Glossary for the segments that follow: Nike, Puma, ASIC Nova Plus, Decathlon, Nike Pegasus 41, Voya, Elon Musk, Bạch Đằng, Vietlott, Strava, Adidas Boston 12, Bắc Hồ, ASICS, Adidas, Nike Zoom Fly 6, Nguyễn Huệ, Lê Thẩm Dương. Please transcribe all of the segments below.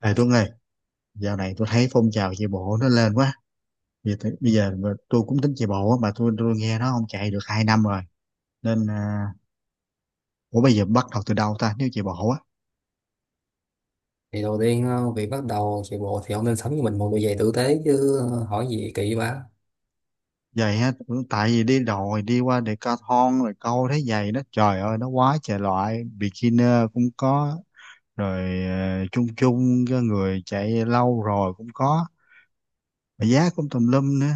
Này Tuấn ơi, dạo này tôi thấy phong trào chạy bộ nó lên quá. Bây giờ mà tôi cũng tính chạy bộ á, mà tôi nghe nó không chạy được 2 năm rồi. Nên, à, ủa bây giờ bắt đầu từ đâu ta nếu chạy bộ á? Thì đầu tiên việc bắt đầu chạy bộ thì ông nên sắm cho mình một đôi giày tử tế chứ, hỏi gì kỳ quá. Vậy á, ừ, tại vì đi đồi, đi qua Decathlon rồi câu thấy giày nó trời ơi nó quá trời loại. Beginner cũng có, rồi à, chung chung cho người chạy lâu rồi cũng có. Mà giá cũng tùm lum nữa.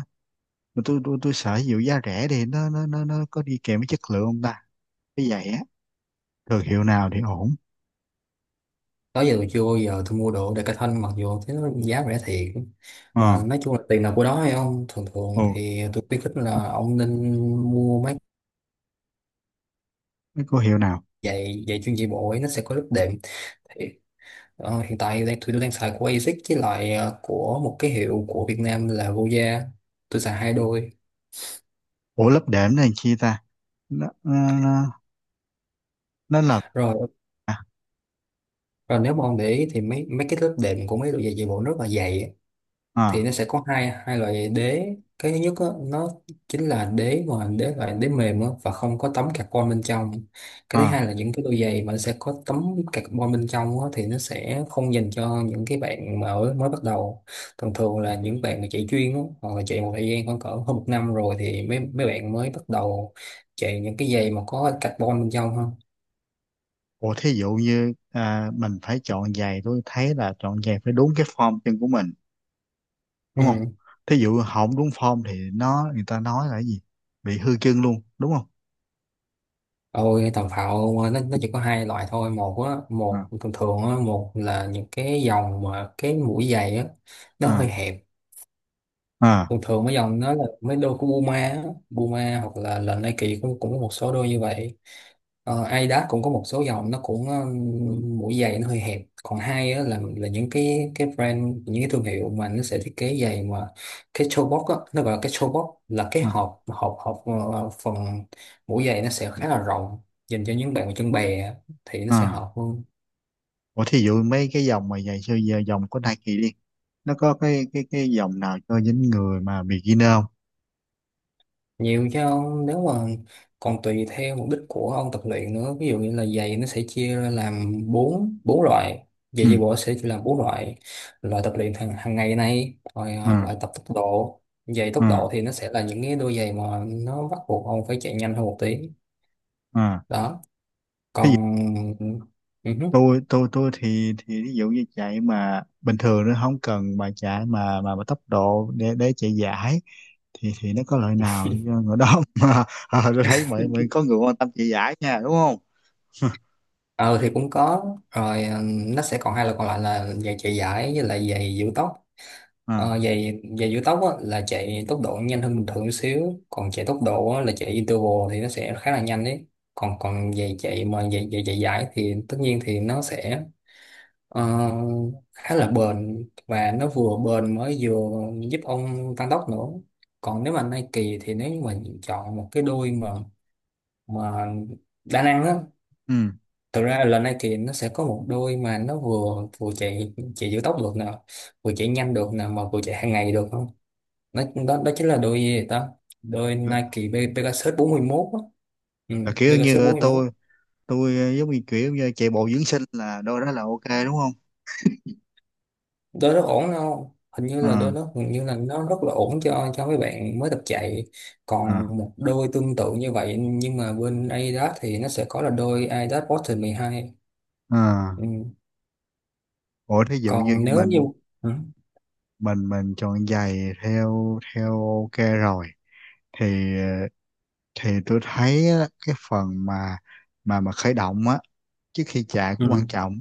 Mà tôi sợ dụ giá rẻ thì nó có đi kèm với chất lượng không ta? Cái giày á, thương hiệu nào thì ổn? Đó giờ tôi chưa bao giờ tôi mua đồ Decathlon, mặc dù thế nó giá rẻ thiệt. Ờ. Mà nói chung là tiền nào của đó hay không, thường thường Ồ, thì tôi khuyến khích là ông nên mua mấy cái cô hiệu nào? giày giày chuyên chạy bộ ấy, nó sẽ có lớp đệm. Thì, hiện tại tôi đang xài của ASICS với lại của một cái hiệu của Việt Nam là Voya. Tôi xài hai đôi Ủa lớp đệm nó làm chi ta? Nó, nó, nó, nó là... rồi. À, Rồi nếu mà ông để ý thì mấy mấy cái lớp đệm của mấy đôi giày chạy bộ rất là dày. Thì à, nó sẽ có hai hai loại đế. Cái thứ nhất á, nó chính là đế mà đế loại đế mềm á, và không có tấm carbon bên trong. Cái thứ hai à. là những cái đôi giày mà nó sẽ có tấm carbon bên trong á, thì nó sẽ không dành cho những cái bạn mà ở mới bắt đầu. Thường thường là những bạn mà chạy chuyên á, hoặc là chạy một thời gian khoảng cỡ hơn một năm rồi thì mấy mấy bạn mới bắt đầu chạy những cái giày mà có carbon bên trong ha. Ủa thí dụ như à, mình phải chọn giày tôi thấy là chọn giày phải đúng cái form chân của mình, đúng không? Ừ. Thí dụ không đúng form thì nó người ta nói là cái gì? Bị hư chân luôn đúng không? Ôi tàu phạo mà nó chỉ có hai loại thôi, một á, một À, thường thường á, một là những cái dòng mà cái mũi giày á nó hơi à, hẹp. à, Thường thường mấy dòng nó là mấy đôi của Puma á, Puma hoặc là Nike cũng cũng có một số đôi như vậy. Adidas cũng có một số dòng nó cũng mũi giày nó hơi hẹp. Còn hai á, là những cái brand, những cái thương hiệu mà nó sẽ thiết kế giày mà cái toe box á, nó gọi là cái toe box là cái à, hộp hộp hộp phần mũi giày nó sẽ khá là rộng, dành cho những bạn mà chân bè á, thì nó sẽ à. hợp hơn. Ủa thí dụ mấy cái dòng mà giày siêu giờ dòng của Nike đi, nó có cái dòng nào cho những người mà beginner không? Nhiều chứ ông, nếu mà còn tùy theo mục đích của ông tập luyện nữa. Ví dụ như là giày nó sẽ chia ra làm bốn bốn loại, giày chạy Ừ, bộ sẽ chia làm bốn loại. Loại tập luyện hàng hàng ngày này, rồi à, loại tập tốc độ. Giày tốc độ à, thì nó sẽ là những cái đôi giày mà nó bắt buộc ông phải chạy nhanh hơn một tí. à. Đó, còn ừ hứ. Tôi thì ví dụ như chạy mà bình thường nó không cần mà chạy mà tốc độ để chạy giải thì nó có lợi nào cho người đó mà à, tôi thấy mọi mọi có người quan tâm chạy giải nha đúng không? Ờ thì cũng có rồi, nó sẽ còn hai loại còn lại là giày chạy giải với lại giày giữ tóc. À, Giày giày giữ tóc á, là chạy tốc độ nhanh hơn bình thường xíu. Còn chạy tốc độ á, là chạy interval thì nó sẽ khá là nhanh đấy. Còn còn giày chạy mà giày giày chạy dài thì tất nhiên thì nó sẽ ờ, khá là bền, và nó vừa bền mới vừa giúp ông tăng tốc nữa. Còn nếu mà Nike, thì nếu như mà chọn một cái đôi mà đa năng á, ừ. thực ra là Nike nó sẽ có một đôi mà nó vừa vừa chạy chạy giữ tốc được nè, vừa chạy nhanh được nè, mà vừa chạy hàng ngày được. Đó, chính là đôi gì vậy ta, đôi là, Nike Pegasus 41 á. Ừ, là kiểu Pegasus như 41, tôi ờ, giống như kiểu như chạy bộ dưỡng sinh là đôi đó là ok đúng không? đôi rất ổn không, hình như là đôi À, nó, hình như là nó rất là ổn cho mấy bạn mới tập chạy. à, Còn một đôi tương tự như vậy nhưng mà bên Adidas thì nó sẽ có là đôi Adidas Boston 12. à. Ừ. Ủa thí dụ như Còn nếu như... mình Ừ. mình chọn giày theo theo ok rồi, thì ờ, thì tôi thấy á, cái phần mà khởi động á trước khi chạy cũng quan Ừ. trọng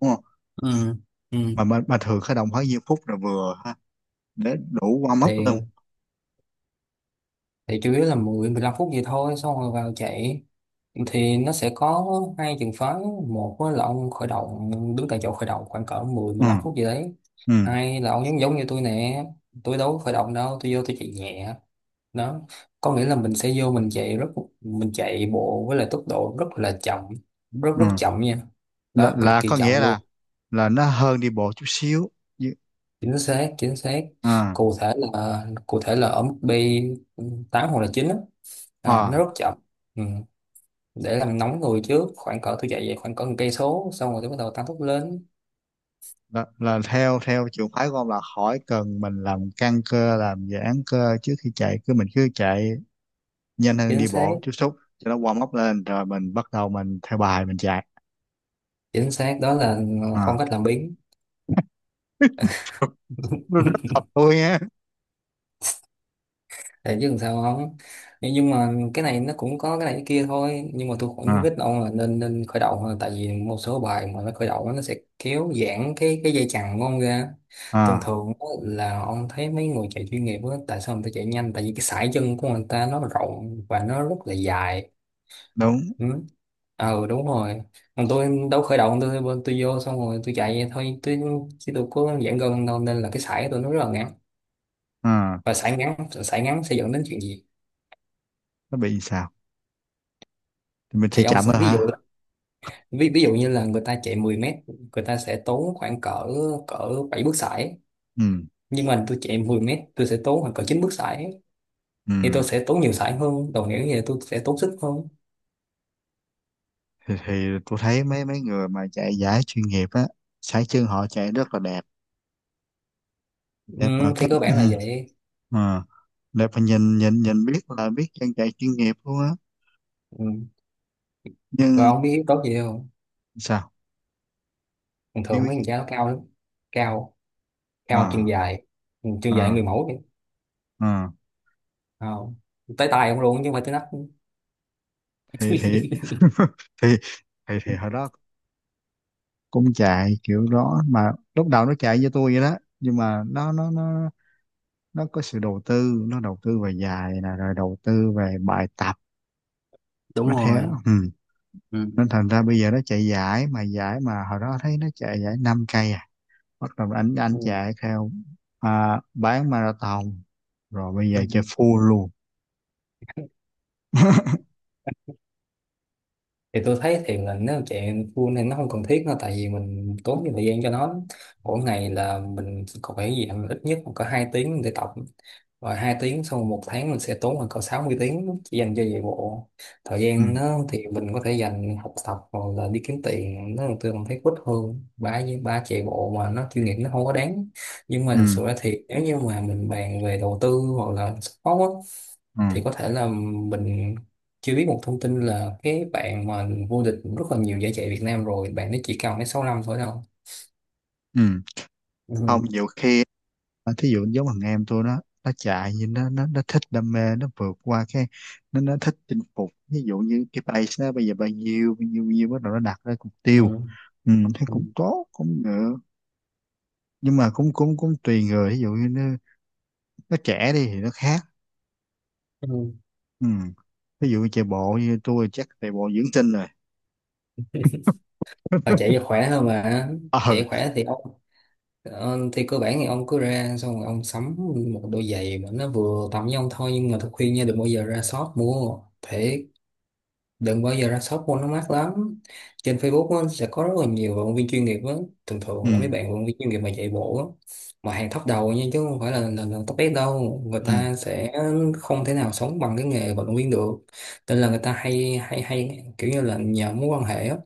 đúng không? Ừ. Ừ. Mà thường khởi động khoảng nhiêu phút là vừa ha, để đủ warm up thì luôn? thì chủ yếu là mười, mười lăm phút gì thôi xong rồi vào chạy. Thì nó sẽ có hai trường phái. Một á là ông khởi động, đứng tại chỗ khởi động khoảng cỡ mười, Ừ, mười lăm phút gì đấy. ừ, Hai là ông giống giống như tôi nè, tôi đâu có khởi động đâu, tôi vô tôi chạy nhẹ. Đó, có nghĩa là mình sẽ vô mình chạy rất... mình chạy bộ với lại tốc độ rất là chậm, rất ừ. rất chậm nha. là, Đó, cực là kỳ có nghĩa chậm luôn. là nó hơn đi bộ chút xíu. Chứ- Chính xác, chính xác. À, Cụ thể là ở mức B 8 hoặc là 9 á. Ờ, nó à. rất chậm. Ừ. Để làm nóng người trước, khoảng cỡ tôi chạy về khoảng cỡ một cây số xong rồi tôi bắt đầu tăng tốc lên. Là theo theo trường phái của ông là khỏi cần mình làm căng cơ làm giãn cơ trước khi chạy, cứ mình cứ chạy nhanh hơn Chính đi xác, bộ chút xíu cho nó warm up lên rồi mình bắt đầu mình theo bài mình chạy? chính xác, đó là phong À, cách làm biếng. nó rất hợp tôi á. Để chứ làm sao không, nhưng mà cái này nó cũng có cái này cái kia thôi, nhưng mà tôi cũng khuyến À, khích ông là nên nên khởi động thôi. Tại vì một số bài mà nó khởi động á, nó sẽ kéo giãn cái dây chằng của ông ra. Thường à, thường á, là ông thấy mấy người chạy chuyên nghiệp á, tại sao người ta chạy nhanh? Tại vì cái sải chân của người ta nó rộng và nó rất là dài. đúng. Ừ. Ờ, đúng rồi. Còn tôi đâu khởi động, tôi vô xong rồi tôi chạy vậy thôi, tôi chứ tôi có giãn gân đâu, nên là cái sải của tôi nó rất là ngắn. À, Và sải ngắn, sải ngắn sẽ dẫn đến chuyện gì? nó bị sao? Thì mình chỉ Thì ông chậm sẽ... thôi hả? Ví dụ như là người ta chạy 10 mét, người ta sẽ tốn khoảng cỡ cỡ 7 bước sải. Ừ, Nhưng mà tôi chạy 10 mét, tôi sẽ tốn khoảng cỡ 9 bước sải. ừ. Thì tôi sẽ tốn nhiều sải hơn, đồng nghĩa như là tôi sẽ tốn sức hơn. Thì tôi thấy mấy mấy người mà chạy giải chuyên nghiệp á, sải chân họ chạy rất là đẹp. Đẹp mà Ừ, thì cách, cơ ừ, bản là vậy. à, đẹp mà nhìn nhìn nhìn biết là biết chân chạy chuyên nghiệp luôn á. Ừ. Rồi Nhưng ông biết tốt gì không, sao? thường Biết thường biết mấy thằng gì? cha nó cao lắm. Cao, cao chân À, dài. Ừ, chân dài người à, mẫu đi. à. à, Tới tay ông luôn chứ không phải tới nách. Thì thì thì hồi đó cũng chạy kiểu đó mà lúc đầu nó chạy với tôi vậy đó, nhưng mà nó có sự đầu tư, nó đầu tư về dài nè rồi đầu tư về bài tập. Nó Đúng thế. rồi. Ừ. Nên thành ra bây giờ nó chạy giải mà, giải mà hồi đó thấy nó chạy giải 5 cây à, bắt đầu ảnh ảnh chạy theo. À, bán marathon. Rồi bây Ừ. giờ chơi full luôn. Thì tôi thấy thì là nếu chạy full thì nó không cần thiết nữa, tại vì mình tốn nhiều thời gian cho nó. Mỗi ngày là mình còn phải gì ít nhất còn có 2 tiếng để tập. Rồi 2 tiếng, xong rồi một tháng mình sẽ tốn khoảng cỡ 60 tiếng chỉ dành cho chạy bộ. Thời Ừ. gian nó thì mình có thể dành học tập hoặc là đi kiếm tiền, nó tôi còn thấy quýt hơn. Ba với ba chạy bộ mà nó chuyên nghiệp nó không có đáng. Nhưng mà thực Ừ. sự ra thì nếu như mà mình bàn về đầu tư hoặc là sport á, Ừ. thì có thể là mình chưa biết một thông tin là cái bạn mà vô địch rất là nhiều giải chạy Việt Nam rồi, bạn ấy chỉ cần mấy 6 năm thôi đâu. Ừ. Không Ừ. nhiều khi. Mà thí dụ giống thằng em tôi nó chạy như nó thích đam mê nó vượt qua cái, nó thích chinh phục ví dụ như cái base nó bây giờ bao nhiêu bao nhiêu bao nhiêu bắt đầu nó đặt ra mục tiêu. Ừ. Ừ, thấy Ừ. cũng tốt cũng được. Nhưng mà cũng cũng cũng tùy người, ví dụ như nó trẻ đi thì nó khác. Ừ. Ừ. Ví dụ như chạy bộ như tôi chắc chạy bộ dưỡng tinh rồi. Ờ, chạy cho khỏe hơn mà. Ờ. Chạy khỏe thì ok. Thì cơ bản thì ông cứ ra, xong rồi ông sắm một đôi giày mà nó vừa tầm với ông thôi. Nhưng mà tôi khuyên nha, đừng bao giờ ra shop mua thế, đừng bao giờ ra shop mua, nó mắc lắm. Trên Facebook á, sẽ có rất là nhiều vận động viên chuyên nghiệp á, thường thường là mấy Ừ, bạn vận động viên chuyên nghiệp mà chạy bộ á, mà hàng top đầu nha, chứ không phải là top S đâu. Người ừ, ta sẽ không thể nào sống bằng cái nghề vận động viên được, nên là người ta hay hay hay kiểu như là nhờ mối quan hệ á,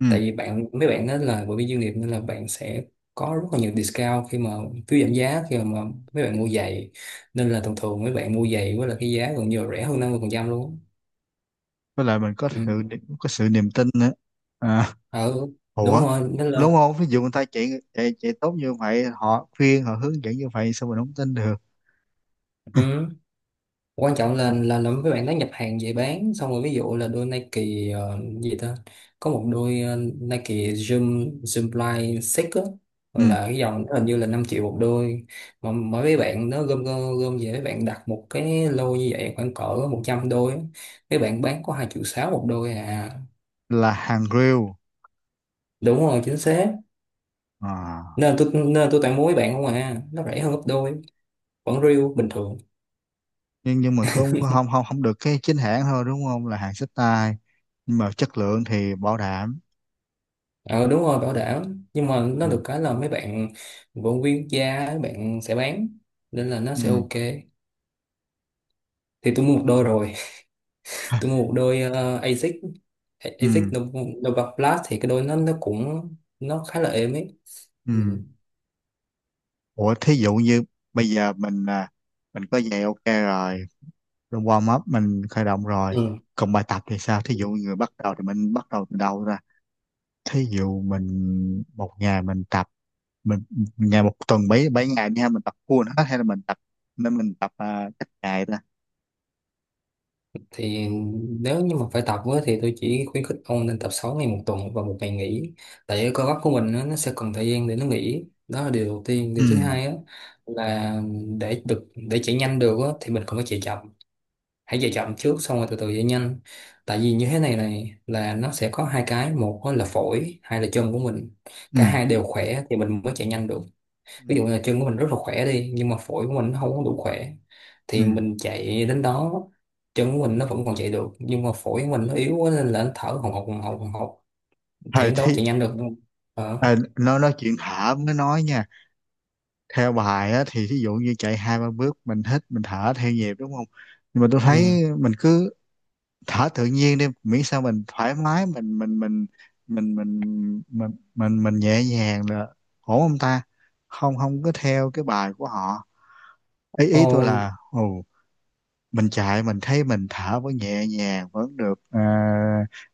ừ. tại vì mấy bạn đó là bởi vì doanh nghiệp, nên là bạn sẽ có rất là nhiều discount khi mà... phiếu giảm giá khi mà mấy bạn mua giày, nên là thường thường mấy bạn mua giày với là cái giá gần như là rẻ hơn 50% luôn. Với lại mình Ừ. Có sự niềm tin nữa. À, Ừ, đúng ủa, rồi, nên đúng là... không, ví dụ người ta chạy chạy chạy tốt như vậy họ khuyên họ hướng dẫn như vậy sao mình không tin được? Ừ. Quan trọng là làm với bạn đó nhập hàng về bán, xong rồi ví dụ là đôi Nike, gì ta, có một đôi Nike Zoom Zoom Fly 6 á, Ừ. là cái dòng đó hình như là 5 triệu một đôi. Mà mỗi mấy bạn nó gom gom gom về, mấy bạn đặt một cái lô như vậy khoảng cỡ 100 đôi á, mấy bạn bán có 2,6 triệu một đôi à. Là hàng real. Đúng rồi, chính xác. À. Nên tôi tặng mua mấy bạn không à, nó rẻ hơn gấp đôi, vẫn riêu bình thường. Nhưng mà không không không không được cái chính hãng thôi đúng không, là hàng xách tay, nhưng mà chất lượng thì bảo đảm. Ờ Đúng rồi, bảo đảm, nhưng mà nó Ừ. được cái là mấy bạn vận viên quốc gia ấy, bạn sẽ bán, nên là nó sẽ Ừ. ok. Thì tôi mua một đôi rồi. Tôi mua một đôi ASIC, ASIC Ừ. Nova Nova Plus, thì cái đôi nó cũng, nó khá là êm ấy. Ừ. Ừ. Ủa thí dụ như bây giờ mình à, mình có giày ok rồi, rồi warm up mình khởi động rồi, Ừ. còn bài tập thì sao, thí dụ người bắt đầu thì mình bắt đầu từ đâu ra? Thí dụ mình một ngày mình tập, mình ngày một tuần bảy bảy ngày nha, mình tập full hết hay là mình tập nên mình tập à, cách ngày ta? Thì nếu như mà phải tập á, thì tôi chỉ khuyến khích ông nên tập 6 ngày một tuần và một ngày nghỉ. Tại cái cơ bắp của mình á, nó sẽ cần thời gian để nó nghỉ, đó là điều đầu tiên. Điều thứ Ừ, hai á, là để chạy nhanh được á, thì mình còn phải chạy chậm. Hãy chạy chậm trước xong rồi từ từ chạy nhanh. Tại vì như thế này này, là nó sẽ có hai cái, một á là phổi, hai là chân của mình. Cả ừ, hai đều khỏe thì mình mới chạy nhanh được. ừ, Ví dụ như là chân của mình rất là khỏe đi, nhưng mà phổi của mình nó không có đủ khỏe, thì ừ. mình chạy đến đó, chân của mình nó vẫn còn chạy được nhưng mà phổi của mình nó yếu quá, nên là nó thở hồng hộc hồng hộc hồng hộc, thì Thời đến đâu thì chạy nhanh được. Ờ. à, nó nói chuyện thở mới nói nha. Theo bài á, thì thí dụ như chạy hai ba bước mình hít mình thở theo nhịp đúng không? Nhưng mà tôi thấy Ừ. mình cứ thở tự nhiên đi, miễn sao mình thoải mái mình nhẹ nhàng là ổn không ta, không không có theo cái bài của họ? Ý Ờ, ý tôi là, ừ, mình chạy mình thấy mình thở vẫn nhẹ nhàng vẫn được ờ,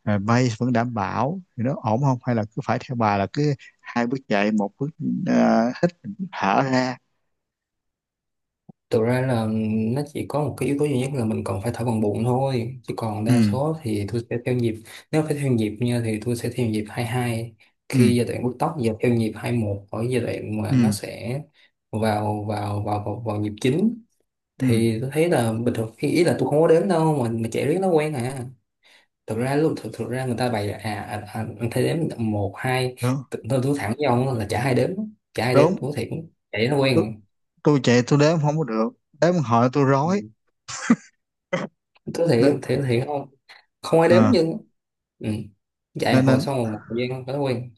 ờ, pace vẫn đảm bảo thì nó ổn không, hay là cứ phải theo bà là cứ hai bước chạy một bước, ờ, hít, thở ra? thực ra là nó chỉ có một cái yếu tố duy nhất là mình còn phải thổi bằng bụng thôi, chứ còn đa Ừ, số thì tôi sẽ theo nhịp. Nếu phải theo nhịp nha, thì tôi sẽ theo nhịp 22 ừ, khi giai đoạn bứt tốc, và theo nhịp 21 ở giai đoạn mà nó ừ, sẽ vào vào vào vào, vào nhịp chính. ừ, Thì tôi thấy là bình thường, khi ý là tôi không có đếm đâu, mà chạy riết nó quen à. Thực ra lúc... thực ra người ta bày là anh thấy đếm một hai. đúng, Tôi thẳng với ông là chả ai đếm, chả ai đếm đúng. tôi thiệt, chạy nó quen tôi, à. tôi chạy tôi đếm không có được, đếm hỏi tôi rối. Ừ. Tôi Nên thiệt, thiệt thiệt không, không ai đếm à, nhưng... Ừ. Dạy nên hồi nên sau một thời gian thói quen.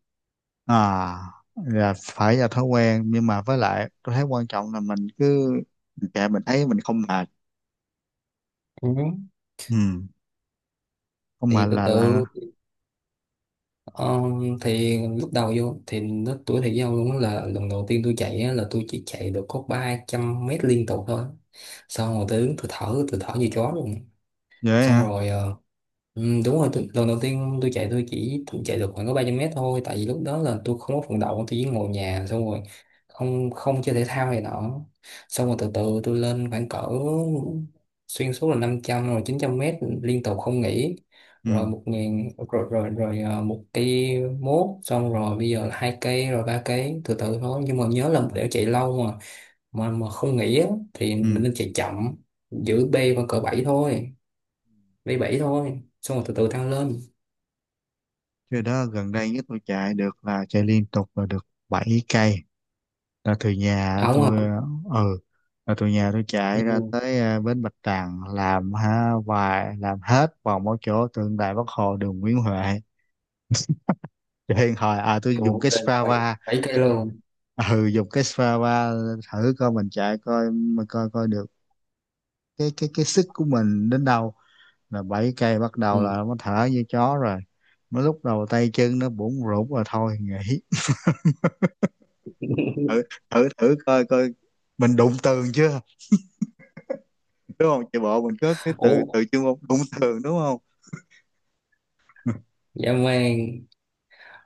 à là phải là thói quen, nhưng mà với lại tôi thấy quan trọng là mình cứ mình chạy mình thấy mình không mệt. Ừ. Ừ. Không mệt Thì từ là là. từ. ờ, thì lúc đầu vô thì nó tuổi thầy giao luôn á. Là lần đầu tiên tôi chạy á, là tôi chỉ chạy được có 300 mét liên tục thôi, xong rồi tôi đứng tôi thở như chó luôn. Vậy Xong hả? rồi ừ, đúng rồi, tôi, lần đầu tiên tôi chạy tôi chỉ chạy được khoảng có 300 mét thôi, tại vì lúc đó là tôi không có vận động, tôi chỉ ngồi nhà xong rồi không không chơi thể thao này nọ. Xong rồi từ từ tôi lên khoảng cỡ, xuyên suốt là 500 rồi 900 mét liên tục không nghỉ, Ừ. rồi 1.000 rồi rồi rồi một cây mốt, xong rồi bây giờ là hai cây rồi ba cây, từ từ thôi. Nhưng mà nhớ là để chạy lâu mà mà không nghỉ á, thì mình Ừ. nên chạy chậm, giữ B vào cỡ 7 thôi, b bảy thôi, xong rồi từ từ tăng lên. Cái đó gần đây nhất tôi chạy được là chạy liên tục là được 7 cây, là từ nhà Ông hả? tôi ờ, ừ, là từ nhà tôi chạy ra Ừ. tới ờ, bến Bạch Đằng làm ha vài làm hết vòng một chỗ tượng đài Bắc Hồ đường Nguyễn Huệ. Cho nên hồi à tôi dùng Ủa, cái bảy, Strava. 7 cây luôn. Ừ, dùng cái Strava thử coi mình chạy coi mà coi coi được cái sức của mình đến đâu. Là 7 cây bắt đầu là Ừ. nó thở như chó rồi, mới lúc đầu tay chân nó bủn rủn rồi thôi nghỉ. Thử, thử coi coi mình đụng tường chưa, đúng không, chạy bộ mình có cái từ Ủa, từ chuyên môn đụng tường đúng không? dạ mang.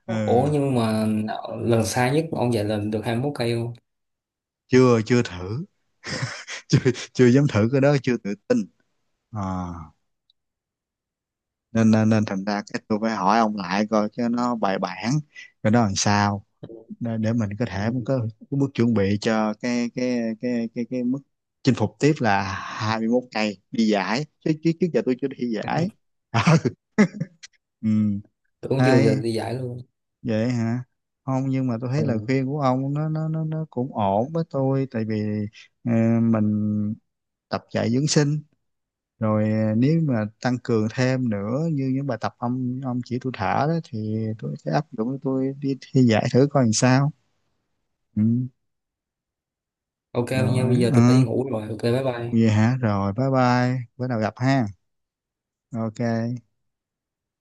Ủa Ừ, nhưng mà lần xa nhất ông giải lần được 21 cây không? chưa chưa thử. Chưa, chưa dám thử cái đó chưa tự tin. À, nên, nên nên thành ra cái tôi phải hỏi ông lại coi cho nó bài bản cái đó làm sao, để mình có Ừ. thể có cái bước chuẩn bị cho cái mức chinh phục tiếp là 21 ngày đi giải, chứ chứ trước giờ tôi chưa đi giải. Ừ. Tưởng chưa giờ Hay đi giải luôn. vậy hả? Không nhưng mà tôi Ừ. thấy lời khuyên của ông nó cũng ổn với tôi, tại vì ờ, mình tập chạy dưỡng sinh rồi ờ, nếu mà tăng cường thêm nữa như những bài tập ông chỉ tôi thả đó thì tôi sẽ áp dụng tôi đi thi giải thử coi làm sao. Ừ. Ok nha, Rồi bây giờ tôi phải đi ờ, ngủ rồi. Ok, bye bye. vậy hả, rồi bye bye bữa nào gặp ha, ok.